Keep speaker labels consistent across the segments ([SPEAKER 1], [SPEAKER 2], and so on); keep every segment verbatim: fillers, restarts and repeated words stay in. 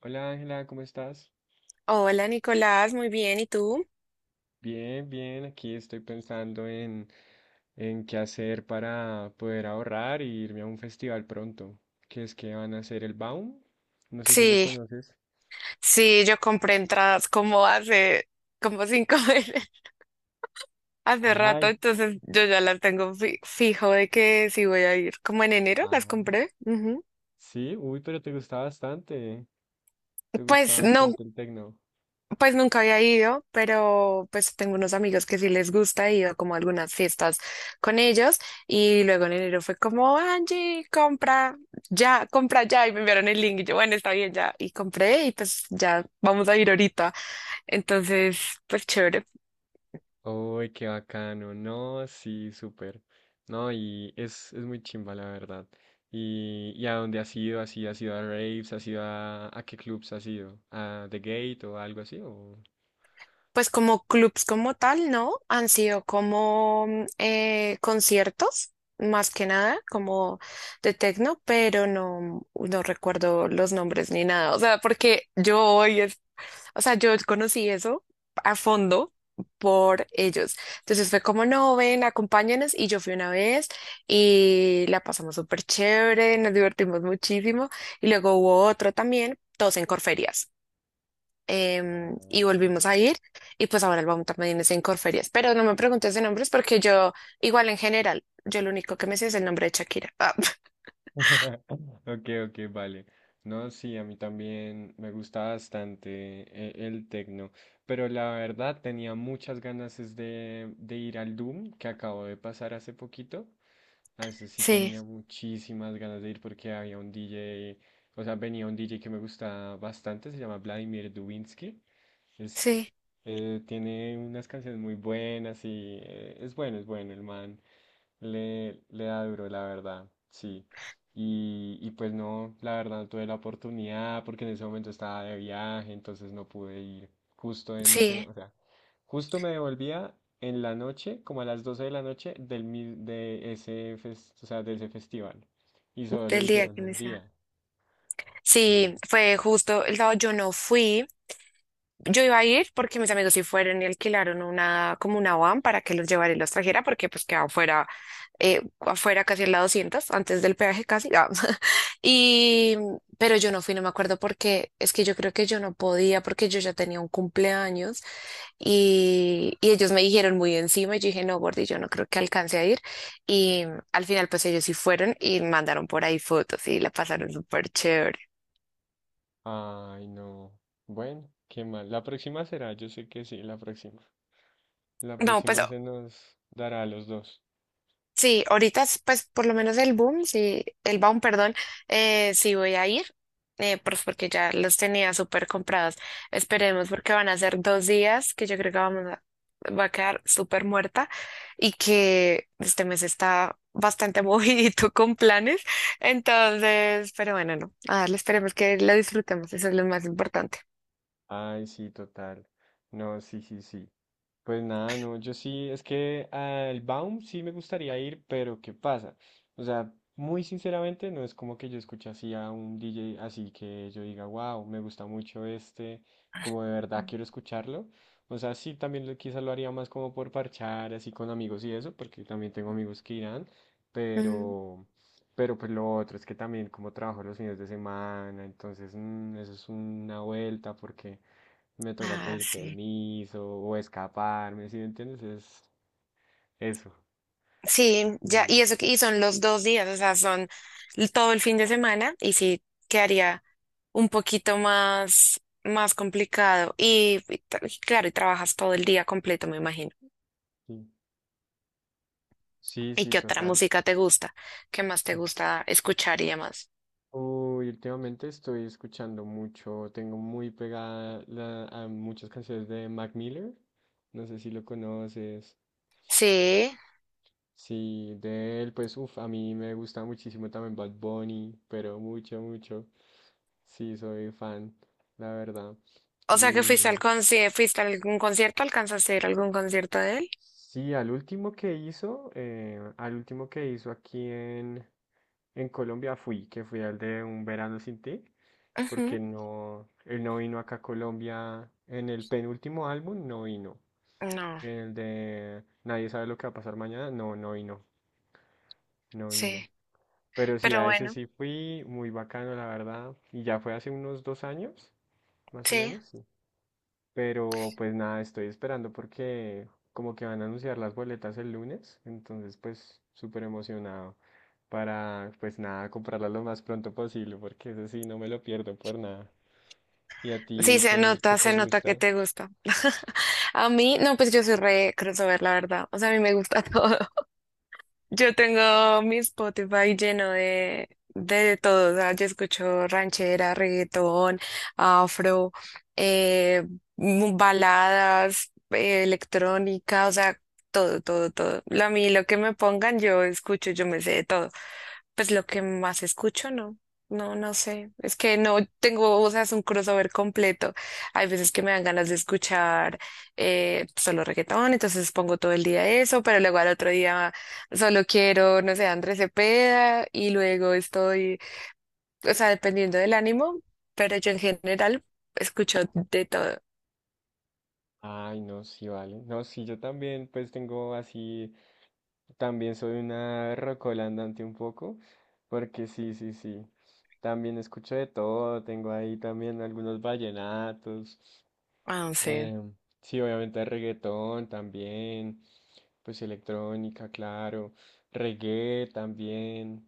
[SPEAKER 1] Hola Ángela, ¿cómo estás?
[SPEAKER 2] Hola Nicolás, muy bien, ¿y tú?
[SPEAKER 1] Bien, bien, aquí estoy pensando en, en qué hacer para poder ahorrar y irme a un festival pronto, que es que van a hacer el Baum, no sé si lo
[SPEAKER 2] Sí,
[SPEAKER 1] conoces.
[SPEAKER 2] sí, yo compré entradas como hace, como cinco meses, hace rato,
[SPEAKER 1] Ay,
[SPEAKER 2] entonces yo ya las tengo fi- fijo de que sí voy a ir. Como en enero las
[SPEAKER 1] ah.
[SPEAKER 2] compré. Ujú.
[SPEAKER 1] Sí, uy, pero te gusta bastante, te gusta
[SPEAKER 2] Pues no,
[SPEAKER 1] bastante el tecno.
[SPEAKER 2] pues nunca había ido, pero pues tengo unos amigos que sí les gusta, he ido como a algunas fiestas con ellos y luego en enero fue como, Angie, compra ya, compra ya, y me enviaron el link y yo, bueno, está bien ya, y compré y pues ya vamos a ir ahorita. Entonces, pues chévere.
[SPEAKER 1] Uy, qué bacano. No, sí, súper. No, y es, es muy chimba, la verdad. ¿Y, y a dónde has ido? ¿Así has ido a raves? ¿Has ido a, a qué clubs has ido? ¿A The Gate o algo así? ¿O?
[SPEAKER 2] Pues como clubs como tal, ¿no? Han sido como mm, eh, conciertos, más que nada, como de techno, pero no, no recuerdo los nombres ni nada. O sea, porque yo voy, es O sea, yo conocí eso a fondo por ellos. Entonces fue como, no, ven, acompáñanos. Y yo fui una vez y la pasamos súper chévere, nos divertimos muchísimo. Y luego hubo otro también, todos en Corferias. Em, y
[SPEAKER 1] Ah.
[SPEAKER 2] volvimos a ir y pues ahora el vamos también es en Corferias. Pero no me preguntes de nombres porque yo, igual en general, yo lo único que me sé es el nombre de Shakira. Ah,
[SPEAKER 1] Ok, ok, vale. No, sí, a mí también me gusta bastante e- el, tecno, pero la verdad tenía muchas ganas es de, de ir al Doom que acabo de pasar hace poquito. A ese sí
[SPEAKER 2] sí,
[SPEAKER 1] tenía muchísimas ganas de ir porque había un D J, o sea, venía un D J que me gusta bastante, se llama Vladimir Dubinsky. Es,
[SPEAKER 2] sí,
[SPEAKER 1] eh, tiene unas canciones muy buenas y eh, es bueno, es bueno el man. Le, le da duro, la verdad, sí. Y, y pues no, la verdad no tuve la oportunidad porque en ese momento estaba de viaje, entonces no pude ir justo en ese,
[SPEAKER 2] sí,
[SPEAKER 1] o sea, justo me devolvía en la noche, como a las doce de la noche, del, mi- de ese, fes- o sea, de ese festival. Y solo lo
[SPEAKER 2] del día
[SPEAKER 1] hicieron
[SPEAKER 2] que me
[SPEAKER 1] un día,
[SPEAKER 2] sea. Sí,
[SPEAKER 1] sí.
[SPEAKER 2] fue justo el sábado, yo no fui. Yo iba a ir porque mis amigos sí fueron y alquilaron una, como una van para que los llevara y los trajera, porque pues quedaba afuera, eh, afuera casi en la doscientos, antes del peaje casi. Ah. Y, pero yo no fui, no me acuerdo porque es que yo creo que yo no podía porque yo ya tenía un cumpleaños y, y ellos me dijeron muy encima y yo dije, no, Gordy, yo no creo que alcance a ir. Y al final pues ellos sí fueron y mandaron por ahí fotos y la pasaron súper chévere.
[SPEAKER 1] Ay, no. Bueno, qué mal. La próxima será, yo sé que sí, la próxima. La
[SPEAKER 2] No, pues
[SPEAKER 1] próxima se nos dará a los dos.
[SPEAKER 2] sí, ahorita, es, pues por lo menos el boom, sí, el boom, perdón, eh, sí voy a ir, eh, pues porque ya los tenía súper comprados. Esperemos porque van a ser dos días que yo creo que vamos a, va a quedar súper muerta y que este mes está bastante movidito con planes. Entonces, pero bueno, no, a darle, esperemos que lo disfrutemos, eso es lo más importante.
[SPEAKER 1] Ay, sí, total. No, sí, sí, sí. Pues nada, no, yo sí, es que al Baum sí me gustaría ir, pero ¿qué pasa? O sea, muy sinceramente, no es como que yo escuche así a un D J, así que yo diga, wow, me gusta mucho este, como de verdad quiero escucharlo. O sea, sí, también lo, quizás lo haría más como por parchar, así con amigos y eso, porque también tengo amigos que irán,
[SPEAKER 2] Mm.
[SPEAKER 1] pero, pero pues lo otro es que también como trabajo los fines de semana, entonces, mm, eso es una vuelta, porque me toca
[SPEAKER 2] Ah,
[SPEAKER 1] pedir
[SPEAKER 2] sí.
[SPEAKER 1] permiso o escaparme, ¿sí me entiendes? Es eso.
[SPEAKER 2] Sí, ya, y
[SPEAKER 1] Sí,
[SPEAKER 2] eso, que- y son los dos días, o sea, son l- todo el fin de semana y sí quedaría un poquito más, más complicado. Y, y tra- y claro, y trabajas todo el día completo, me imagino.
[SPEAKER 1] sí, sí,
[SPEAKER 2] ¿Y
[SPEAKER 1] sí,
[SPEAKER 2] qué otra
[SPEAKER 1] total.
[SPEAKER 2] música te gusta? ¿Qué más te gusta escuchar y demás?
[SPEAKER 1] Uy, últimamente estoy escuchando mucho, tengo muy pegada la- a muchas canciones de Mac Miller, no sé si lo conoces.
[SPEAKER 2] Sí,
[SPEAKER 1] Sí, de él, pues, uff, a mí me gusta muchísimo también Bad Bunny, pero mucho, mucho. Sí, soy fan, la verdad.
[SPEAKER 2] o sea que fuiste al
[SPEAKER 1] Y
[SPEAKER 2] conci- fuiste a algún concierto, ¿alcanzaste a ir a algún concierto de él?
[SPEAKER 1] Sí, al último que hizo, eh, al último que hizo aquí en, en Colombia fui, que fui al de Un Verano Sin Ti, porque
[SPEAKER 2] Ujú.
[SPEAKER 1] no, él no vino acá a Colombia en el penúltimo álbum, no vino.
[SPEAKER 2] No,
[SPEAKER 1] En el de Nadie sabe lo que va a pasar mañana, no, no vino, no vino.
[SPEAKER 2] sí,
[SPEAKER 1] Pero sí,
[SPEAKER 2] pero
[SPEAKER 1] a ese
[SPEAKER 2] bueno,
[SPEAKER 1] sí fui, muy bacano, la verdad, y ya fue hace unos dos años, más o
[SPEAKER 2] sí,
[SPEAKER 1] menos, sí. Pero pues nada, estoy esperando porque como que van a anunciar las boletas el lunes, entonces pues súper emocionado para pues nada, comprarlas lo más pronto posible porque eso sí, no me lo pierdo por nada. ¿Y a
[SPEAKER 2] sí
[SPEAKER 1] ti
[SPEAKER 2] se
[SPEAKER 1] qué, qué
[SPEAKER 2] nota, se
[SPEAKER 1] te
[SPEAKER 2] nota que
[SPEAKER 1] gusta?
[SPEAKER 2] te gusta. A mí, no, pues yo soy re crossover, la verdad. O sea, a mí me gusta todo. Yo tengo mi Spotify lleno de, de todo. O sea, yo escucho ranchera, reggaetón, afro, eh, mu- baladas, eh, electrónica, o sea, todo, todo, todo. Lo- A mí, lo que me pongan, yo escucho, yo me sé de todo. Pues lo que más escucho, no, no, no sé. Es que no tengo, o sea, es un crossover completo. Hay veces que me dan ganas de escuchar eh, solo reggaetón, entonces pongo todo el día eso, pero luego al otro día solo quiero, no sé, Andrés Cepeda, y luego estoy, o sea, dependiendo del ánimo, pero yo en general escucho de todo.
[SPEAKER 1] Ay, no, sí, vale. No, sí, yo también pues tengo así, también soy una rocola andante un poco, porque sí, sí, sí. También escucho de todo, tengo ahí también algunos vallenatos.
[SPEAKER 2] Ah, no sé,
[SPEAKER 1] Em, sí, obviamente reggaetón también, pues electrónica, claro, reggae también,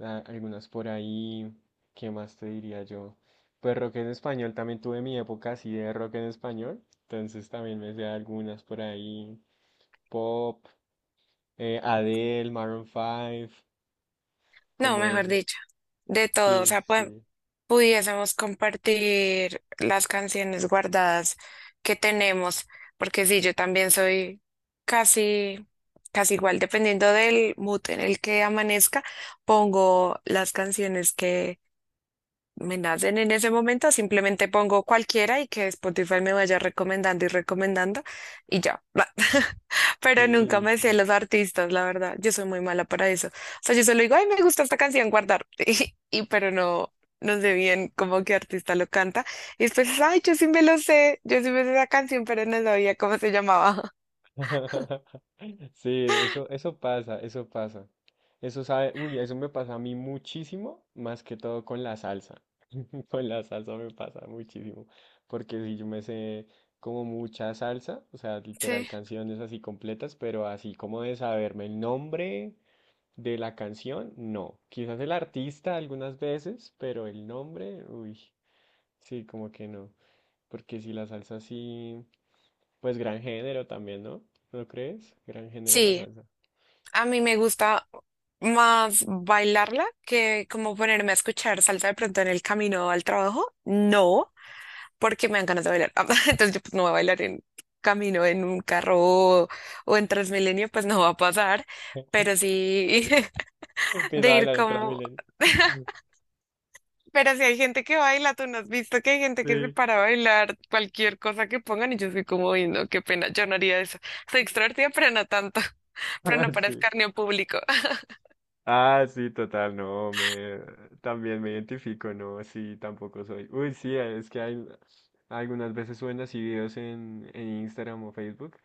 [SPEAKER 1] a- algunas por ahí, ¿qué más te diría yo? Pues rock en español, también tuve mi época así de rock en español, entonces también me sé algunas por ahí, pop, eh, Adele, Maroon cinco,
[SPEAKER 2] no,
[SPEAKER 1] como
[SPEAKER 2] mejor
[SPEAKER 1] esos.
[SPEAKER 2] dicho, de todo. O
[SPEAKER 1] Sí,
[SPEAKER 2] sea,
[SPEAKER 1] sí,
[SPEAKER 2] pudiésemos compartir las canciones guardadas que tenemos, porque sí, yo también soy casi, casi igual, dependiendo del mood en el que amanezca, pongo las canciones que, me nacen en ese momento, simplemente pongo cualquiera y que Spotify me vaya recomendando y recomendando y ya. Pero nunca
[SPEAKER 1] sí,
[SPEAKER 2] me sé
[SPEAKER 1] sí.
[SPEAKER 2] los artistas, la verdad. Yo soy muy mala para eso. O sea, yo solo digo, ay, me gusta esta canción, guardar. Y, y- pero no, no sé bien cómo qué artista lo canta. Y después, ay, yo sí me lo sé, yo sí me sé esa canción, pero no sabía cómo se llamaba.
[SPEAKER 1] Sí, eso, eso pasa, eso pasa. Eso sabe, uy, eso me pasa a mí muchísimo, más que todo con la salsa. Con la salsa me pasa muchísimo, porque si yo me sé como mucha salsa, o sea, literal
[SPEAKER 2] Sí.
[SPEAKER 1] canciones así completas, pero así como de saberme el nombre de la canción, no. Quizás el artista algunas veces, pero el nombre, uy, sí, como que no. Porque si la salsa sí. Pues gran género también, ¿no? ¿No crees? Gran género la
[SPEAKER 2] Sí,
[SPEAKER 1] salsa.
[SPEAKER 2] a mí me gusta más bailarla que como ponerme a escuchar salsa de pronto en el camino al trabajo. No, porque me dan ganas de bailar. Entonces yo pues no voy a bailar en camino en un carro o, o en Transmilenio, pues no va a pasar. Pero sí
[SPEAKER 1] Empieza
[SPEAKER 2] de
[SPEAKER 1] a
[SPEAKER 2] ir
[SPEAKER 1] bailar en
[SPEAKER 2] como...
[SPEAKER 1] Transmilenio.
[SPEAKER 2] Pero si hay gente que baila, ¿tú no has visto que hay gente que se
[SPEAKER 1] Sí.
[SPEAKER 2] para a bailar cualquier cosa que pongan? Y yo soy como, "Uy, no, qué pena, yo no haría eso". Soy extrovertida, pero no tanto, pero
[SPEAKER 1] Ah,
[SPEAKER 2] no para
[SPEAKER 1] sí.
[SPEAKER 2] escarnio público.
[SPEAKER 1] Ah, sí, total, no, me también me identifico, no, sí, tampoco soy. Uy, sí, es que hay algunas veces suben así videos en, en Instagram o Facebook,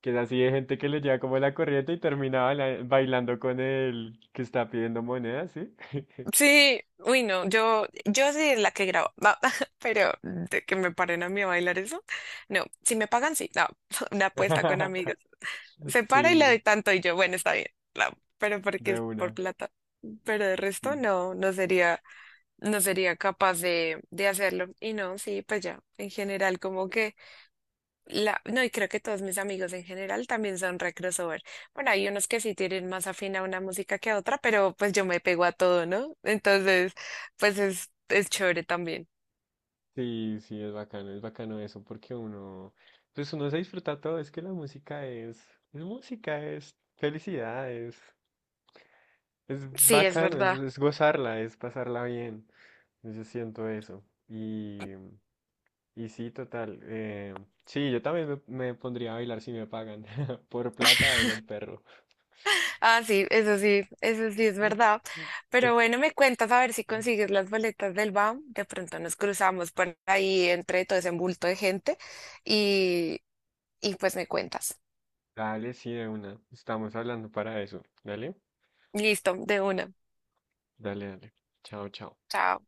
[SPEAKER 1] que es así de gente que le lleva como la corriente y termina baila- bailando con el que está pidiendo monedas, ¿sí?
[SPEAKER 2] Sí, uy, no, yo, yo sí la que grabo, va, pero de que me paren a mí a bailar eso, no, si me pagan, sí, no, una apuesta con amigos, se para y le doy
[SPEAKER 1] Sí,
[SPEAKER 2] tanto y yo, bueno, está bien, no, pero porque
[SPEAKER 1] de
[SPEAKER 2] es por
[SPEAKER 1] una,
[SPEAKER 2] plata, pero de resto
[SPEAKER 1] sí.
[SPEAKER 2] no, no sería, no sería capaz de, de hacerlo, y no, sí, pues ya, en general, como que la, no, y creo que todos mis amigos en general también son re crossover. Bueno, hay unos que sí tienen más afín a una música que a otra, pero pues yo me pego a todo, ¿no? Entonces, pues es, es chévere también.
[SPEAKER 1] Sí, sí, es bacano, es bacano eso, porque uno, pues uno se disfruta todo, es que la música es, es música, es felicidad, es, es
[SPEAKER 2] Sí, es
[SPEAKER 1] bacano, es,
[SPEAKER 2] verdad.
[SPEAKER 1] es gozarla, es pasarla bien, yo siento eso, y, y sí, total, eh, sí, yo también me, me pondría a bailar si me pagan, por plata baila el perro.
[SPEAKER 2] Ah, sí, eso sí, eso sí es verdad. Pero bueno, me cuentas a ver si consigues las boletas del B A M. De pronto nos cruzamos por ahí entre todo ese bulto de gente y, y pues me cuentas.
[SPEAKER 1] Dale, sí, de una, estamos hablando para eso, dale,
[SPEAKER 2] Listo, de una.
[SPEAKER 1] dale, dale, chao, chao.
[SPEAKER 2] Chao.